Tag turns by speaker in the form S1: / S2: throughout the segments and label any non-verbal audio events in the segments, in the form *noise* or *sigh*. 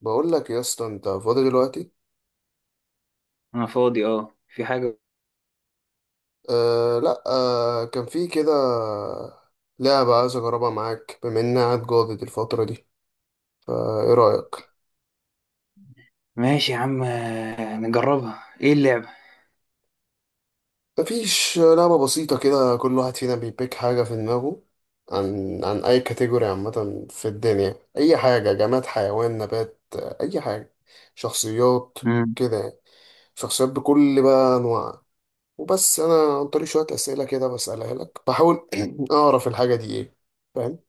S1: بقول لك يا اسطى، انت فاضي دلوقتي؟
S2: انا فاضي، اه، في حاجة؟
S1: آه لا، كان في كده لعبة عايز اجربها معاك، بما اني قاعد جاضد الفترة دي، فايه رأيك؟
S2: ماشي يا عم، نجربها. ايه اللعبة؟
S1: مفيش لعبة بسيطة كده. كل واحد فينا بيبيك حاجة في دماغه عن اي كاتيجوري عامة في الدنيا. اي حاجة، جماد، حيوان، نبات، اي حاجة، شخصيات
S2: مم.
S1: كده يعني. شخصيات بكل بقى انواعها. وبس انا عن طريق شوية اسئلة كده بسألها لك بحاول *clears throat* اعرف الحاجة دي ايه. فاهم؟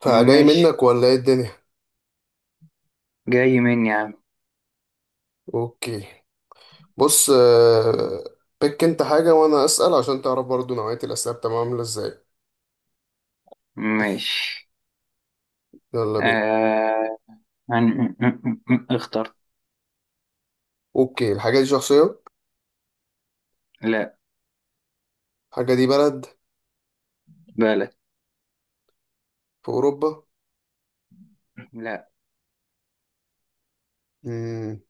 S1: فجاي
S2: ماشي.
S1: منك ولا ايه الدنيا؟
S2: جاي مني يا عم.
S1: اوكي. بص. بيك انت حاجة وانا اسأل عشان تعرف برضو نوعية الاسئلة بتبقى عاملة ازاي.
S2: ماشي.
S1: يلا بينا.
S2: آه... هن- اخترت.
S1: اوكي، الحاجة دي شخصية؟
S2: لا.
S1: الحاجة دي بلد؟
S2: بالك.
S1: في اوروبا؟
S2: لا.
S1: مم.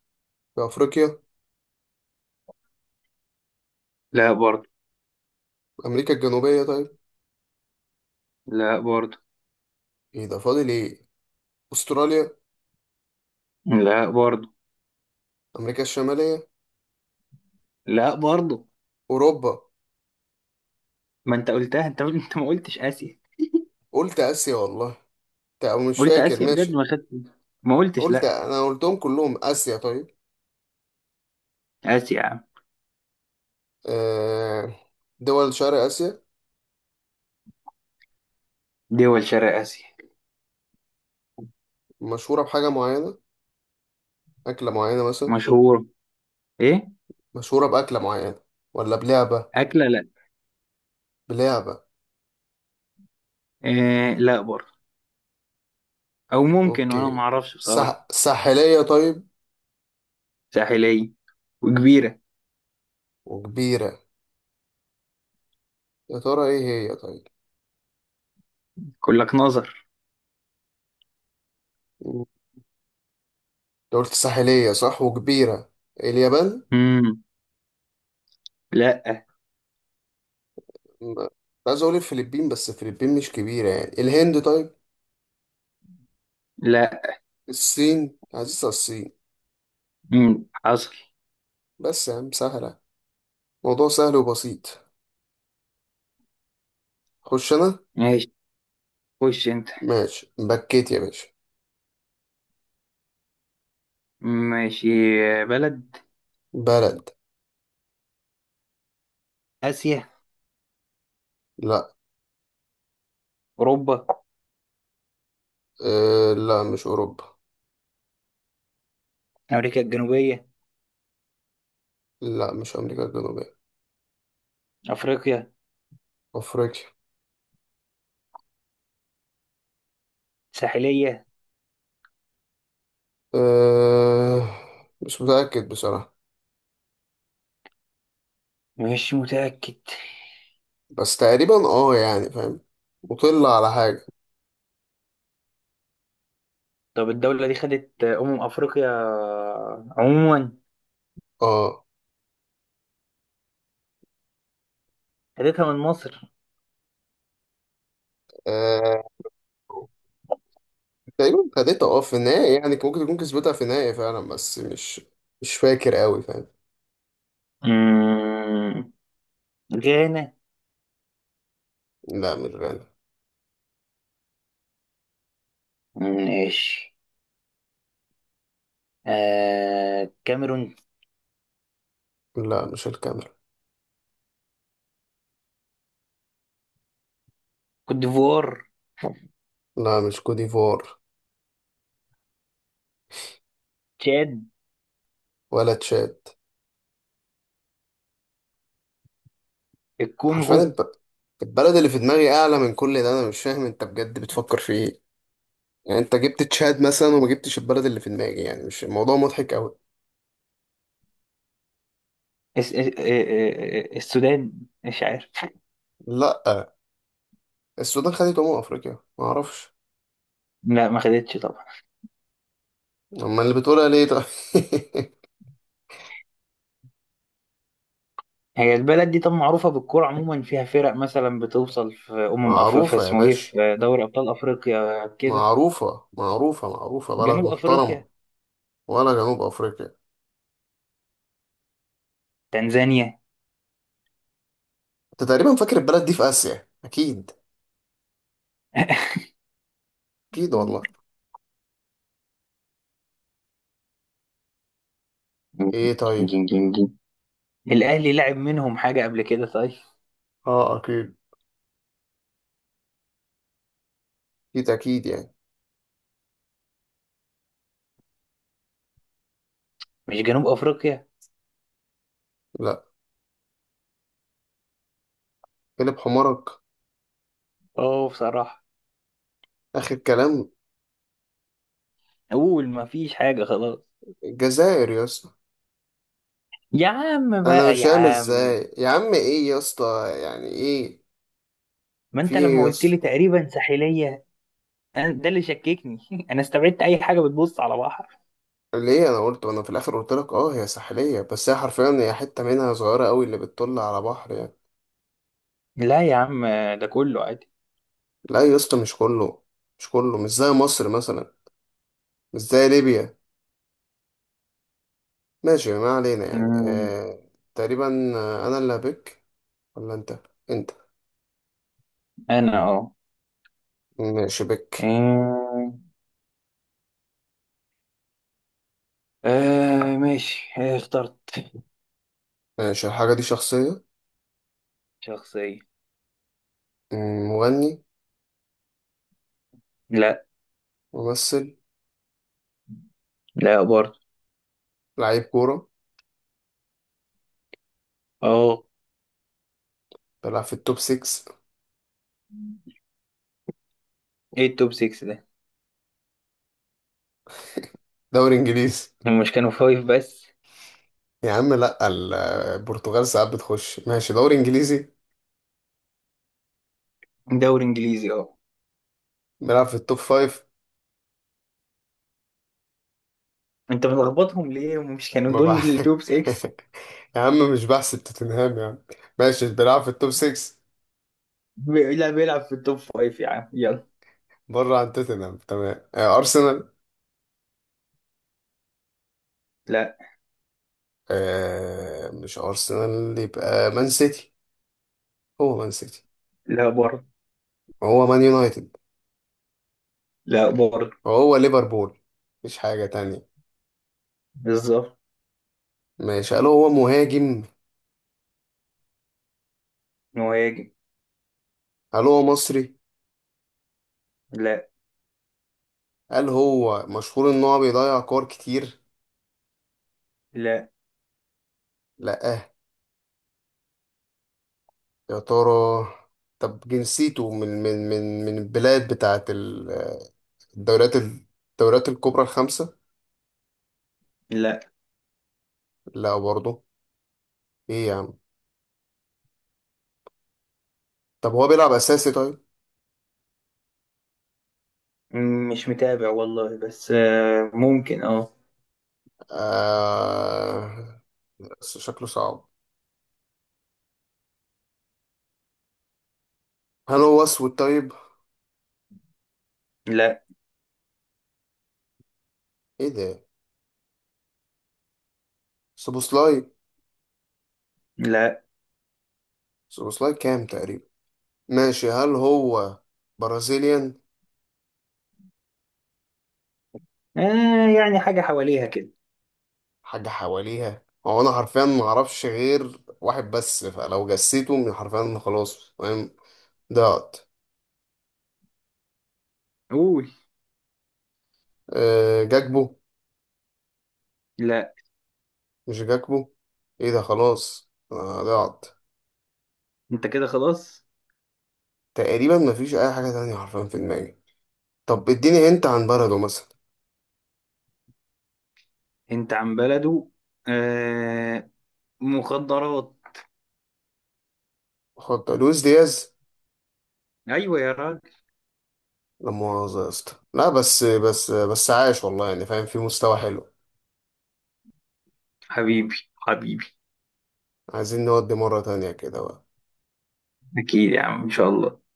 S1: في افريقيا؟
S2: لا برضو.
S1: امريكا الجنوبية طيب؟
S2: لا برضو.
S1: ايه ده، فاضل ايه؟ استراليا؟
S2: لا برضو.
S1: امريكا الشمالية؟
S2: لا برضو.
S1: اوروبا؟
S2: ما انت قلتها، انت ما قلتش اسيا.
S1: قلت اسيا والله. او مش
S2: قلت
S1: فاكر،
S2: اسيا بجد،
S1: ماشي.
S2: ما خدت. ما قلتش
S1: قلت،
S2: لا.
S1: انا قلتهم كلهم. اسيا طيب.
S2: اسيا يا عم.
S1: آه، دول شرق اسيا.
S2: دول شرق اسيا.
S1: مشهورة بحاجة معينة؟ أكلة معينة مثلا؟
S2: مشهور؟ ايه؟
S1: مشهورة بأكلة معينة ولا بلعبة؟
S2: اكله، لا.
S1: بلعبة؟
S2: إيه؟ لا برضو. او ممكن وانا ما
S1: أوكي.
S2: اعرفش بصراحة.
S1: ساحلية طيب،
S2: ساحلية وكبيرة.
S1: وكبيرة. يا ترى إيه هي طيب.
S2: يقول لك نظر.
S1: مم. أنت قلت ساحلية صح، وكبيرة. اليابان؟
S2: مم. لا.
S1: كنت عايز أقول الفلبين بس الفلبين مش كبيرة يعني. الهند طيب؟
S2: لا.
S1: الصين، عزيزة الصين.
S2: مم. حصل.
S1: بس يا عم سهلة، موضوع سهل وبسيط. خش أنا.
S2: ماشي. خش انت.
S1: ماشي، بكيت يا باشا.
S2: ماشي. بلد.
S1: بلد.
S2: آسيا.
S1: لا.
S2: أوروبا.
S1: لا، مش أوروبا.
S2: أمريكا الجنوبية.
S1: لا، مش أمريكا الجنوبية.
S2: أفريقيا.
S1: أفريقيا.
S2: ساحلية.
S1: أه مش متأكد بصراحة،
S2: مش متأكد.
S1: بس تقريبا يعني، فاهم؟ مطل على حاجة.
S2: طب الدولة دي خدت أمم أفريقيا عموما.
S1: اه
S2: خدتها من مصر.
S1: أه، تقريبا خدتها في النهاية، يعني ممكن تكون كسبتها في النهاية فعلا بس مش فاكر قوي، فاهم؟
S2: مم. غانا.
S1: لا، مش غانا.
S2: ماشي. كاميرون.
S1: لا، مش الكاميرا.
S2: كوت ديفوار.
S1: لا، مش كوديفوار.
S2: تشاد.
S1: ولا تشاد. حرفيا
S2: الكونغو.
S1: البلد اللي في دماغي أعلى من كل ده. أنا مش فاهم أنت بجد بتفكر في إيه. يعني أنت جبت تشاد مثلا وما جبتش البلد اللي في دماغي يعني، مش الموضوع مضحك قوي.
S2: اس... اس... آه، آه، السودان. مش عارف.
S1: لا، السودان خدت أمم أفريقيا؟ ما أعرفش.
S2: لا، ما خدتش طبعا.
S1: أما اللي بتقولها ليه طيب.
S2: هي البلد دي طب معروفة بالكورة عموما، فيها فرق مثلا بتوصل في
S1: *laughs*
S2: في
S1: معروفة يا
S2: اسمه إيه،
S1: باشا.
S2: في دوري أبطال أفريقيا كده.
S1: معروفة معروفة معروفة، بلد
S2: جنوب أفريقيا.
S1: محترمة. ولا جنوب أفريقيا.
S2: تنزانيا.
S1: أنت تقريبا فاكر البلد دي في آسيا أكيد.
S2: *laughs*
S1: أكيد والله. إيه طيب.
S2: جين جين جين. الأهلي لعب منهم حاجة قبل كده، طيب.
S1: أكيد أكيد أكيد يعني.
S2: مش جنوب أفريقيا.
S1: لا. قلب حمارك.
S2: أوه، بصراحة.
S1: آخر كلام.
S2: أقول ما فيش حاجة خلاص.
S1: الجزائر يا اسطى.
S2: يا عم
S1: أنا
S2: بقى
S1: مش
S2: يا
S1: فاهم
S2: عم.
S1: إزاي يا عم، إيه يا اسطى يعني، إيه
S2: ما
S1: في
S2: أنت
S1: إيه
S2: لما
S1: يا
S2: قلت لي
S1: اسطى.
S2: تقريبا ساحلية. ده اللي شككني. *laughs* أنا استبعدت أي حاجة بتبص على بحر.
S1: ليه؟ أنا قلت، وأنا في الآخر قلت لك أه، هي ساحلية بس هي حرفيا هي حتة منها صغيرة أوي اللي بتطل على بحر يعني.
S2: لا يا عم. ده كله عادي.
S1: لا يا اسطى، مش كله، مش كله، مش زي مصر مثلا، مش زي ليبيا. ماشي، ما علينا يعني.
S2: مم.
S1: تقريبا. انا اللي هبك ولا انت؟ انت.
S2: انا، اه.
S1: ماشي بك.
S2: آه. ماشي. اخترت.
S1: ماشي، الحاجة دي شخصية.
S2: شخصية.
S1: مم، مغني؟
S2: لا.
S1: ممثل؟
S2: لا برضه.
S1: لعيب كورة؟
S2: اه.
S1: بيلعب في التوب 6؟
S2: ايه التوب 6 ده؟
S1: دوري انجليزي.
S2: هم مش كانوا فايف بس؟
S1: يا عم لا، البرتغال ساعات بتخش ماشي دوري انجليزي.
S2: دوري انجليزي، اه.
S1: بيلعب في التوب 5.
S2: انت بتلخبطهم ليه، هم مش كانوا
S1: ما
S2: دول
S1: بع...
S2: التوب
S1: *laughs*
S2: 6؟
S1: يا عم مش بحسب توتنهام يا عم. ماشي بيلعب في التوب 6.
S2: لا، بيلعب في التوب 5 يا عم، يلا.
S1: بره عن توتنهام تمام. ارسنال؟
S2: لا.
S1: مش ارسنال، يبقى مان سيتي. هو مان سيتي.
S2: لا برضه.
S1: وهو مان يونايتد.
S2: لا برضه.
S1: وهو ليفربول. مفيش حاجة تانية.
S2: بالظبط.
S1: ماشي، هل هو مهاجم؟
S2: مهاجم.
S1: هل هو مصري؟
S2: لا.
S1: هل هو مشهور ان هو بيضيع كور كتير؟
S2: لا.
S1: لا. يا ترى. طب جنسيته من البلاد بتاعت الدوريات الكبرى الخمسة؟
S2: لا.
S1: لا برضه. ايه يا عم. طب هو بيلعب اساسي طيب؟
S2: مش متابع والله، بس ممكن، اه.
S1: آه... بس شكله صعب. هل هو اسود طيب؟
S2: لا.
S1: ايه ده، سوبوسلاي؟
S2: لا.
S1: سوبوسلاي كام تقريبا. ماشي، هل هو برازيليان؟
S2: آه، يعني حاجة حواليها كده.
S1: حاجة حواليها هو. انا حرفيا ما اعرفش غير واحد بس، فلو جسيته من حرفيا خلاص، فاهم؟ ضعت.
S2: قول.
S1: جاكبو؟
S2: لا.
S1: مش جاكبو. ايه ده، خلاص ضعت.
S2: انت كده خلاص.
S1: تقريبا مفيش اي حاجة تانية حرفيا في دماغي. طب اديني انت عن بلده مثلا.
S2: انت عن بلده. آه. مخدرات.
S1: خد، لويس دياز.
S2: ايوه يا راجل.
S1: لا مؤاخذة يا اسطى، لا، بس عاش والله يعني فاهم، في مستوى حلو.
S2: حبيبي حبيبي.
S1: عايزين نودي مرة تانية كده بقى.
S2: اكيد يا عم ان شاء الله.